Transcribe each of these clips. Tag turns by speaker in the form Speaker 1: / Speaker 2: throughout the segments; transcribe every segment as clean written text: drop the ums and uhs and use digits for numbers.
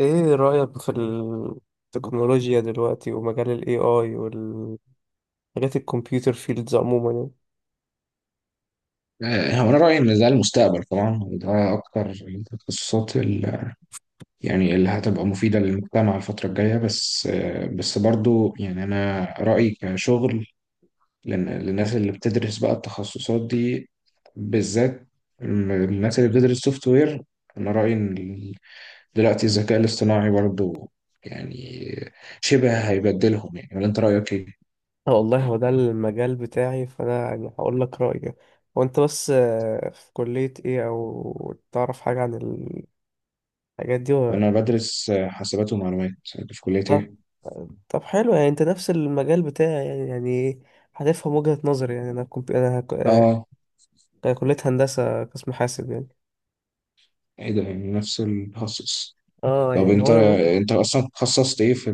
Speaker 1: ايه رأيك في التكنولوجيا دلوقتي ومجال ال AI والحاجات الكمبيوتر فيلدز عموما يعني؟
Speaker 2: هو انا رايي ان ده المستقبل طبعا، وده اكتر التخصصات يعني اللي هتبقى مفيده للمجتمع الفتره الجايه. بس بس برضو يعني انا رايي كشغل للناس اللي بتدرس بقى التخصصات دي بالذات، الناس اللي بتدرس سوفت وير. انا رايي ان دلوقتي الذكاء الاصطناعي برضو يعني شبه هيبدلهم، يعني ولا انت رايك ايه؟
Speaker 1: والله هو ده المجال بتاعي فانا يعني هقول لك رأيي. هو انت بس في كلية ايه او تعرف حاجة عن الحاجات دي ولا؟
Speaker 2: انا بدرس حاسبات ومعلومات. في كليه
Speaker 1: طب
Speaker 2: ايه؟
Speaker 1: طب حلو، يعني انت نفس المجال بتاعي يعني إيه؟ هتفهم وجهة نظري. يعني انا
Speaker 2: اه،
Speaker 1: كلية هندسة قسم حاسب يعني.
Speaker 2: ايه ده يعني نفس التخصص.
Speaker 1: اه
Speaker 2: طب
Speaker 1: يعني هو
Speaker 2: انت
Speaker 1: انا بقول،
Speaker 2: انت اصلا تخصصت ايه في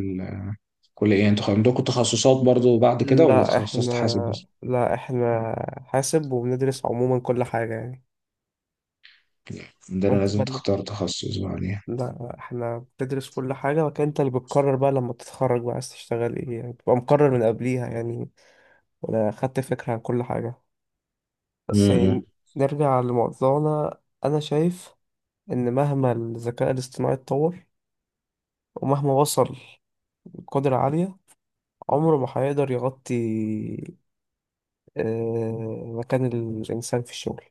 Speaker 2: الكليه؟ يعني انتوا عندكم تخصصات برضو بعد كده، ولا
Speaker 1: لا احنا
Speaker 2: تخصصت حاسب بس؟
Speaker 1: لا احنا حاسب وبندرس عموما كل حاجة يعني.
Speaker 2: لا، عندنا
Speaker 1: وانت بقى
Speaker 2: لازم
Speaker 1: اللي-
Speaker 2: تختار تخصص بعد يعني.
Speaker 1: لا احنا بتدرس كل حاجة، وكان انت اللي بتقرر بقى لما تتخرج بقى عايز تشتغل ايه يعني، بتبقى مقرر من قبليها يعني ولا خدت فكرة عن كل حاجة بس
Speaker 2: امم.
Speaker 1: يعني. نرجع لموضوعنا. انا شايف ان مهما الذكاء الاصطناعي اتطور ومهما وصل لقدرة عالية، عمره ما هيقدر يغطي مكان الإنسان في الشغل.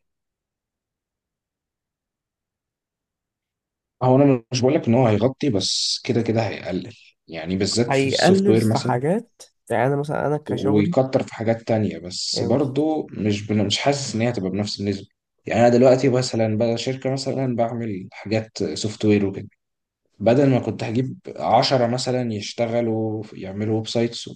Speaker 2: هو انا مش بقول لك ان هو هيغطي، بس كده كده هيقلل، يعني بالذات في السوفت
Speaker 1: هيقلل
Speaker 2: وير
Speaker 1: في
Speaker 2: مثلا،
Speaker 1: حاجات، يعني انا مثلا انا كشغلي،
Speaker 2: ويكتر في حاجات تانية. بس
Speaker 1: يعني بص.
Speaker 2: برضو مش حاسس ان هي هتبقى بنفس النسبه. يعني انا دلوقتي مثلا بقى شركه، مثلا بعمل حاجات سوفت وير وكده، بدل ما كنت هجيب 10 مثلا يشتغلوا يعملوا ويب سايتس،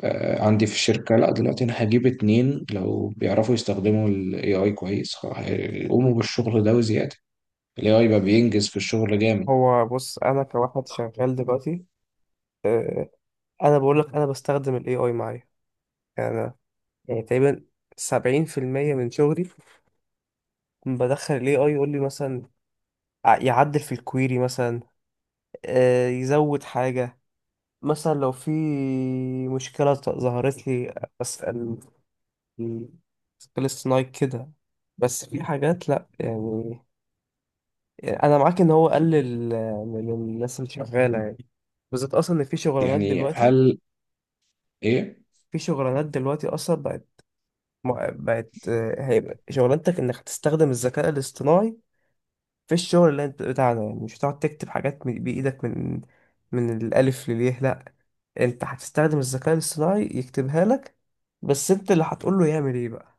Speaker 2: عندي في الشركة. لا دلوقتي أنا هجيب 2 لو بيعرفوا يستخدموا ال AI كويس، هيقوموا بالشغل ده وزيادة. ال AI بقى بينجز في الشغل جامد.
Speaker 1: بص انا كواحد شغال دلوقتي، آه، انا بقول لك انا بستخدم الاي اي معايا. يعني أنا، يعني تقريبا 70% من شغلي بدخل الاي اي يقول لي مثلا يعدل في الكويري مثلا، يزود حاجة، مثلا لو في مشكلة ظهرت لي أسأل الذكاء الاصطناعي كده. بس في حاجات لأ يعني، انا معاك ان هو قلل من الناس اللي شغاله يعني، بالذات اصلا ان في شغلانات
Speaker 2: يعني
Speaker 1: دلوقتي
Speaker 2: هل إيه؟
Speaker 1: في شغلانات دلوقتي اصلا بقت هيبقى شغلانتك انك هتستخدم الذكاء الاصطناعي في الشغل اللي انت بتاعنا يعني. مش هتقعد تكتب حاجات بايدك من الالف لليه، لا، انت هتستخدم الذكاء الاصطناعي يكتبها لك، بس انت اللي هتقول له يعمل ايه بقى.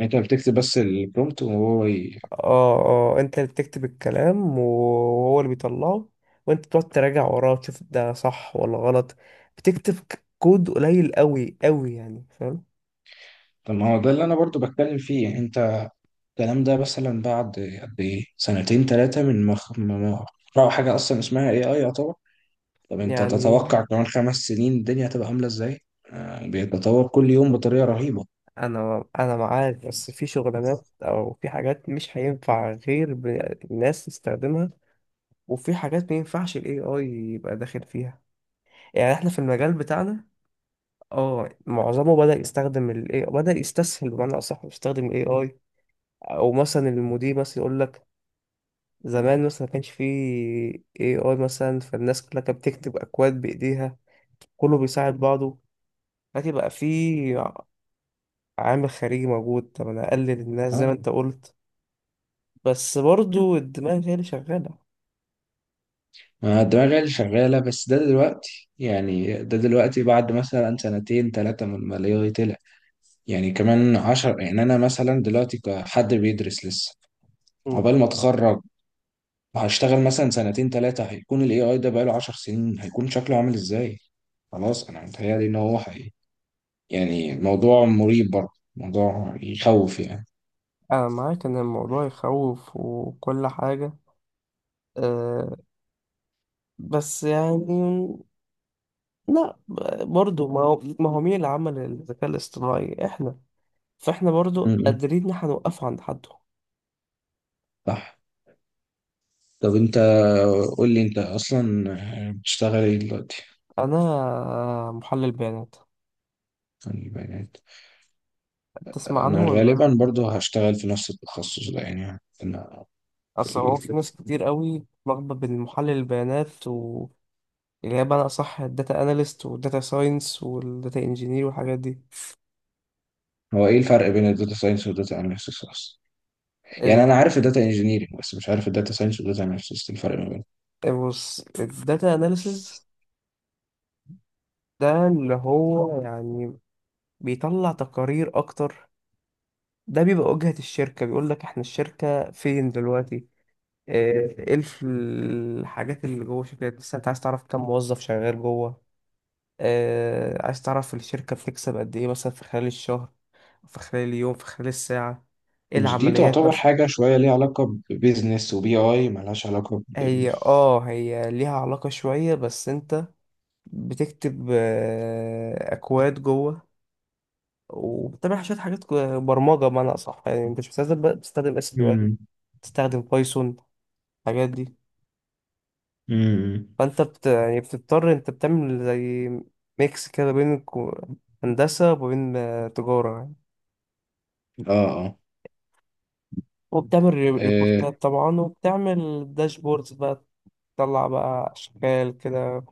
Speaker 2: أنت بتكتب بس البرومبت وهو.
Speaker 1: اه انت اللي بتكتب الكلام وهو اللي بيطلعه، وانت بتقعد تراجع وراه تشوف ده صح ولا غلط، بتكتب كود قليل قوي قوي يعني، فاهم؟
Speaker 2: طب ما هو ده اللي أنا برضو بتكلم فيه، يعني أنت الكلام ده مثلا بعد قد إيه؟ سنتين تلاتة من ما خ- ما ما اخترعوا حاجة أصلا اسمها AI يعتبر. طب أنت
Speaker 1: يعني
Speaker 2: تتوقع كمان 5 سنين الدنيا هتبقى عاملة إزاي؟ يعني بيتطور كل يوم بطريقة رهيبة.
Speaker 1: انا معاك، بس في شغلانات او في حاجات مش هينفع غير الناس تستخدمها، وفي حاجات ما ينفعش الاي اي يبقى داخل فيها. يعني احنا في المجال بتاعنا، اه، معظمه بدأ يستخدم الاي، بدأ يستسهل بمعنى اصح، يستخدم الاي اي. او مثلا المدير مثلا يقول لك، زمان مثلا ما كانش فيه اي اي مثلا، فالناس كلها كانت بتكتب اكواد بايديها، كله بيساعد بعضه. لكن بقى في عامل خارجي موجود، طب انا اقلل الناس زي ما انت قلت، بس برضو الدماغ هي اللي شغالة.
Speaker 2: ما الدماغ هي اللي شغالة، بس ده دلوقتي. يعني ده دلوقتي بعد مثلا سنتين تلاتة من الماليه طلع، يعني كمان عشر. يعني أنا مثلا دلوقتي كحد بيدرس لسه،
Speaker 1: مم.
Speaker 2: عقبال ما أتخرج وهشتغل مثلا سنتين تلاتة، هيكون ال AI ده بقاله 10 سنين. هيكون شكله عامل إزاي؟ خلاص أنا متهيألي إن هو حقيقي، يعني موضوع مريب برضه، موضوع يخوف يعني.
Speaker 1: انا معاك ان الموضوع يخوف وكل حاجة، أه، بس يعني لا، برضو ما هو مين اللي عمل الذكاء الاصطناعي؟ احنا، فاحنا برضو
Speaker 2: م.
Speaker 1: قادرين ان احنا نوقفه عند حده.
Speaker 2: صح. طب أنت قول لي، أنت أصلا بتشتغل إيه دلوقتي؟
Speaker 1: انا محلل بيانات،
Speaker 2: يعني بنات.
Speaker 1: تسمع
Speaker 2: انا
Speaker 1: عنه ولا؟
Speaker 2: غالبا برضو هشتغل في نفس التخصص ده يعني انا في
Speaker 1: اصل هو
Speaker 2: ال...
Speaker 1: في ناس كتير قوي لخبط بين محلل البيانات، و اللي هي بمعنى أصح الداتا أناليست والداتا ساينس والداتا إنجينير والحاجات دي.
Speaker 2: هو ايه الفرق بين الداتا ساينس والداتا اناليسيس اصلا؟ يعني
Speaker 1: ال...
Speaker 2: انا عارف الداتا انجينيرنج، بس مش عارف الداتا ساينس والداتا اناليسيس الفرق ما بينهم.
Speaker 1: بص، الداتا أناليسز ده اللي هو يعني بيطلع تقارير أكتر، ده بيبقى واجهة الشركة، بيقول لك إحنا الشركة فين دلوقتي، إيه الحاجات اللي جوه الشركة. بس أنت عايز تعرف كم موظف شغال جوه، عايز تعرف الشركة بتكسب قد إيه مثلا في خلال الشهر، في خلال اليوم، في خلال الساعة، إيه
Speaker 2: مش دي
Speaker 1: العمليات
Speaker 2: تعتبر
Speaker 1: مثلا.
Speaker 2: حاجه شويه ليها علاقه ببيزنس وبي اي، مالهاش علاقه.
Speaker 1: هي ليها علاقة شوية، بس انت بتكتب أكواد جوه، وبتعمل شوية حاجات برمجة بمعنى أصح، يعني أنت مش بتستخدم بتستخدم اس كيو ال،
Speaker 2: مم.
Speaker 1: بتستخدم بايثون، الحاجات دي.
Speaker 2: مم.
Speaker 1: فانت يعني بتضطر، انت بتعمل زي ميكس كده بين هندسة وبين تجارة،
Speaker 2: اه، اه،
Speaker 1: وبتعمل
Speaker 2: آه،
Speaker 1: ريبورتات طبعا، وبتعمل داشبوردز بقى، تطلع بقى أشكال كده،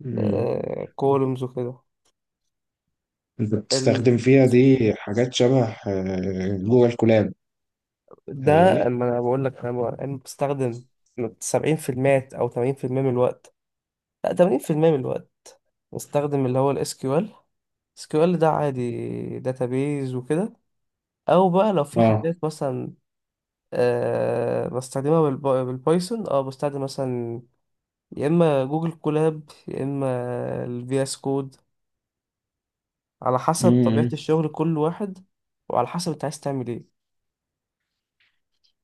Speaker 2: مم.
Speaker 1: كولومز وكده.
Speaker 2: انت
Speaker 1: ال...
Speaker 2: بتستخدم فيها دي حاجات شبه جوجل كولاب؟
Speaker 1: ده
Speaker 2: تهيألي
Speaker 1: اما انا بقول لك، أنا بستخدم 70% او 80% من الوقت، لا 80% من الوقت بستخدم اللي هو الاس كيو ال. اس كيو ال ده عادي، داتابيز وكده. او بقى لو في حاجات مثلا، بستخدمها بالبايثون. اه بستخدم مثلا يا اما جوجل كولاب يا اما الفي اس كود، على حسب طبيعة
Speaker 2: اه.
Speaker 1: الشغل كل واحد، وعلى حسب انت عايز تعمل ايه.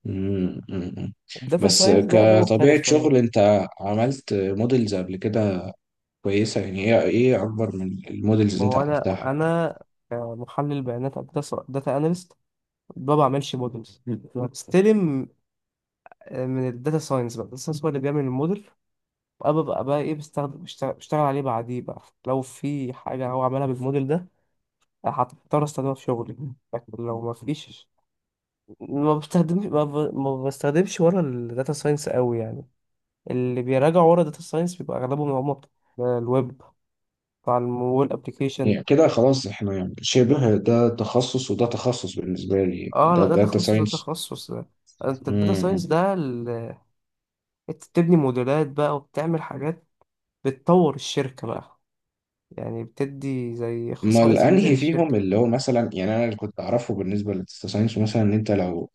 Speaker 2: مم، مم، مم.
Speaker 1: الداتا
Speaker 2: بس
Speaker 1: ساينس بقى ده
Speaker 2: كطبيعة
Speaker 1: مختلف تماما.
Speaker 2: شغل، انت عملت موديلز قبل كده كويسة؟ يعني ايه ايه اكبر من الموديلز
Speaker 1: ما
Speaker 2: اللي انت
Speaker 1: هو انا
Speaker 2: عملتها؟
Speaker 1: انا محلل بيانات او داتا اناليست، ما بعملش مودلز، بستلم من الداتا ساينس. بقى الداتا ساينس هو اللي بيعمل الموديل، وأنا ببقى بقى ايه، بستخدم، بشتغل عليه بعديه بقى، لو في حاجة هو عملها بالموديل ده هضطر استخدمها في شغلي. لكن لو ما فيش ما بستخدمش، ما بستخدمش ورا الداتا ساينس قوي يعني. اللي بيراجعوا ورا داتا ساينس بيبقى اغلبهم هم بتوع الويب، بتاع الموبايل ابلكيشن.
Speaker 2: يعني كده خلاص احنا يعني شبه، ده تخصص وده تخصص بالنسبة لي، يعني
Speaker 1: اه،
Speaker 2: ده
Speaker 1: لا، ده
Speaker 2: داتا
Speaker 1: تخصص ده
Speaker 2: ساينس.
Speaker 1: تخصص، انت الداتا ساينس ده انت بتبني موديلات بقى، وبتعمل حاجات، بتطور الشركة بقى، يعني بتدي زي
Speaker 2: امال
Speaker 1: خصائص جديدة
Speaker 2: انهي فيهم
Speaker 1: للشركة.
Speaker 2: اللي هو مثلا، يعني انا اللي كنت اعرفه بالنسبة للداتا ساينس مثلا، ان انت لو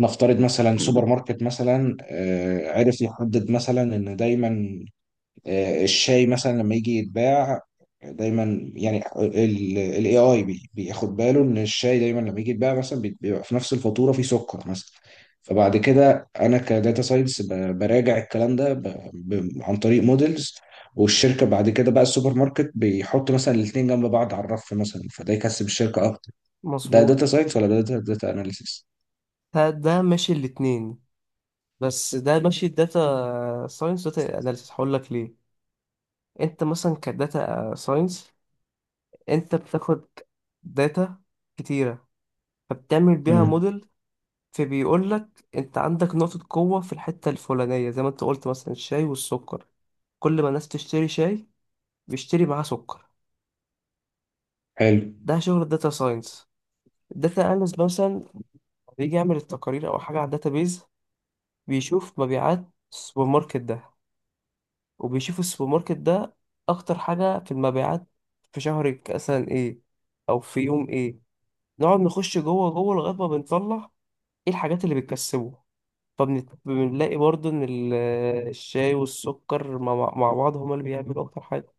Speaker 2: نفترض مثلا سوبر ماركت مثلا، عرف يحدد مثلا ان دايما الشاي مثلا لما يجي يتباع، دايما يعني الاي اي بياخد باله ان الشاي دايما لما يجي يتباع مثلا بيبقى في نفس الفاتوره في سكر مثلا. فبعد كده انا كداتا ساينس براجع الكلام ده عن طريق موديلز، والشركه بعد كده بقى السوبر ماركت بيحط مثلا الاثنين جنب بعض على الرف مثلا، فده يكسب الشركه اكتر. ده
Speaker 1: مظبوط.
Speaker 2: داتا ساينس ولا ده داتا اناليسيس؟
Speaker 1: ده ماشي الاتنين، بس ده ماشي الداتا ساينس داتا اناليسيس، هقول لك ليه. انت مثلا كداتا ساينس، انت بتاخد داتا كتيرة فبتعمل بيها
Speaker 2: امم.
Speaker 1: موديل، فبيقول لك انت عندك نقطة قوة في الحتة الفلانية زي ما انت قلت مثلا الشاي والسكر، كل ما الناس تشتري شاي بيشتري معاه سكر.
Speaker 2: حلو.
Speaker 1: ده شغل الداتا ساينس. الداتا اناليست مثلا بيجي يعمل التقارير او حاجة على الداتابيز، بيشوف مبيعات السوبر ماركت ده، وبيشوف السوبر ماركت ده اكتر حاجة في المبيعات في شهر مثلا ايه، او في يوم ايه. نقعد نخش جوه جوه لغاية ما بنطلع ايه الحاجات اللي بتكسبه، فبنلاقي برضو ان الشاي والسكر مع بعض هما اللي بيعملوا اكتر حاجه.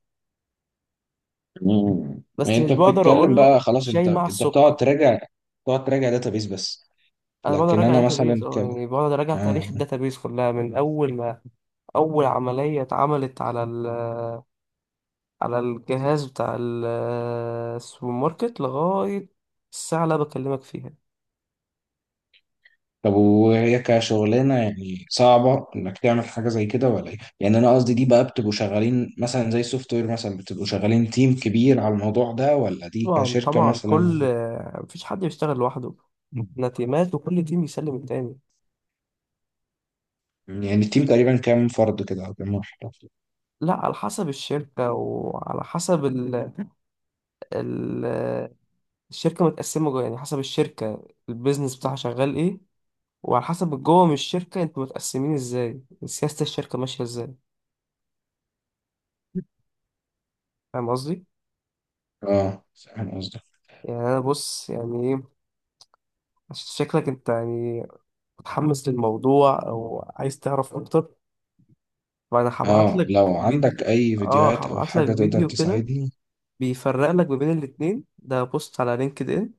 Speaker 2: مم. يعني
Speaker 1: بس مش
Speaker 2: انت
Speaker 1: بقدر
Speaker 2: بتتكلم،
Speaker 1: اقول لك
Speaker 2: بقى خلاص
Speaker 1: الشاي
Speaker 2: انت
Speaker 1: مع
Speaker 2: انت بتقعد
Speaker 1: السكر يعني.
Speaker 2: تراجع. بتقعد تراجع داتابيس بس؟
Speaker 1: انا بقدر
Speaker 2: لكن
Speaker 1: اراجع
Speaker 2: انا مثلا
Speaker 1: داتابيز،
Speaker 2: ك...
Speaker 1: اه يعني بقدر اراجع
Speaker 2: آه.
Speaker 1: تاريخ الداتابيز كلها من اول ما اول عمليه اتعملت على الجهاز بتاع السوبر ماركت لغايه الساعه اللي أنا بكلمك فيها.
Speaker 2: طب وهي كشغلانه يعني صعبه انك تعمل حاجه زي كده ولا ايه؟ يعني انا قصدي دي بقى، بتبقوا شغالين مثلا زي السوفت وير مثلا، بتبقوا شغالين تيم كبير على الموضوع ده، ولا دي
Speaker 1: طبعا
Speaker 2: كشركه
Speaker 1: طبعا،
Speaker 2: مثلا بت-
Speaker 1: مفيش حد بيشتغل لوحده، احنا تيمات وكل تيم يسلم التاني.
Speaker 2: يعني التيم تقريبا كام فرد كده او كام واحد؟
Speaker 1: لا، على حسب الشركة، وعلى حسب ال- الشركة متقسمة جوه، يعني حسب الشركة البيزنس بتاعها شغال ايه، وعلى حسب جوه من الشركة انتوا متقسمين ازاي، سياسة الشركة ماشية ازاي، فاهم قصدي؟
Speaker 2: اه فاهم قصدك.
Speaker 1: يعني انا بص يعني ايه، عشان شكلك انت يعني متحمس للموضوع او عايز تعرف اكتر، فانا هبعت
Speaker 2: اه
Speaker 1: لك
Speaker 2: لو
Speaker 1: فيديو.
Speaker 2: عندك اي
Speaker 1: اه
Speaker 2: فيديوهات او
Speaker 1: هبعت
Speaker 2: حاجه
Speaker 1: لك
Speaker 2: تقدر
Speaker 1: فيديو كده
Speaker 2: تساعدني.
Speaker 1: بيفرق لك ما بين الاتنين، ده بوست على لينكد ان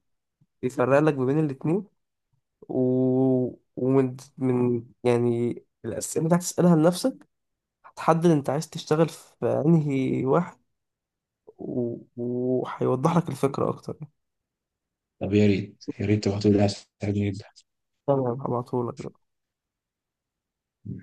Speaker 1: بيفرق لك ما بين الاتنين و... ومن يعني الأسئلة اللي هتسألها لنفسك هتحدد انت عايز تشتغل في انهي واحد، و وهيوضح لك الفكرة اكتر.
Speaker 2: طب يا ريت، يا ريت تبعتولي، تساعدني جدا.
Speaker 1: تمام، هبعتهولك.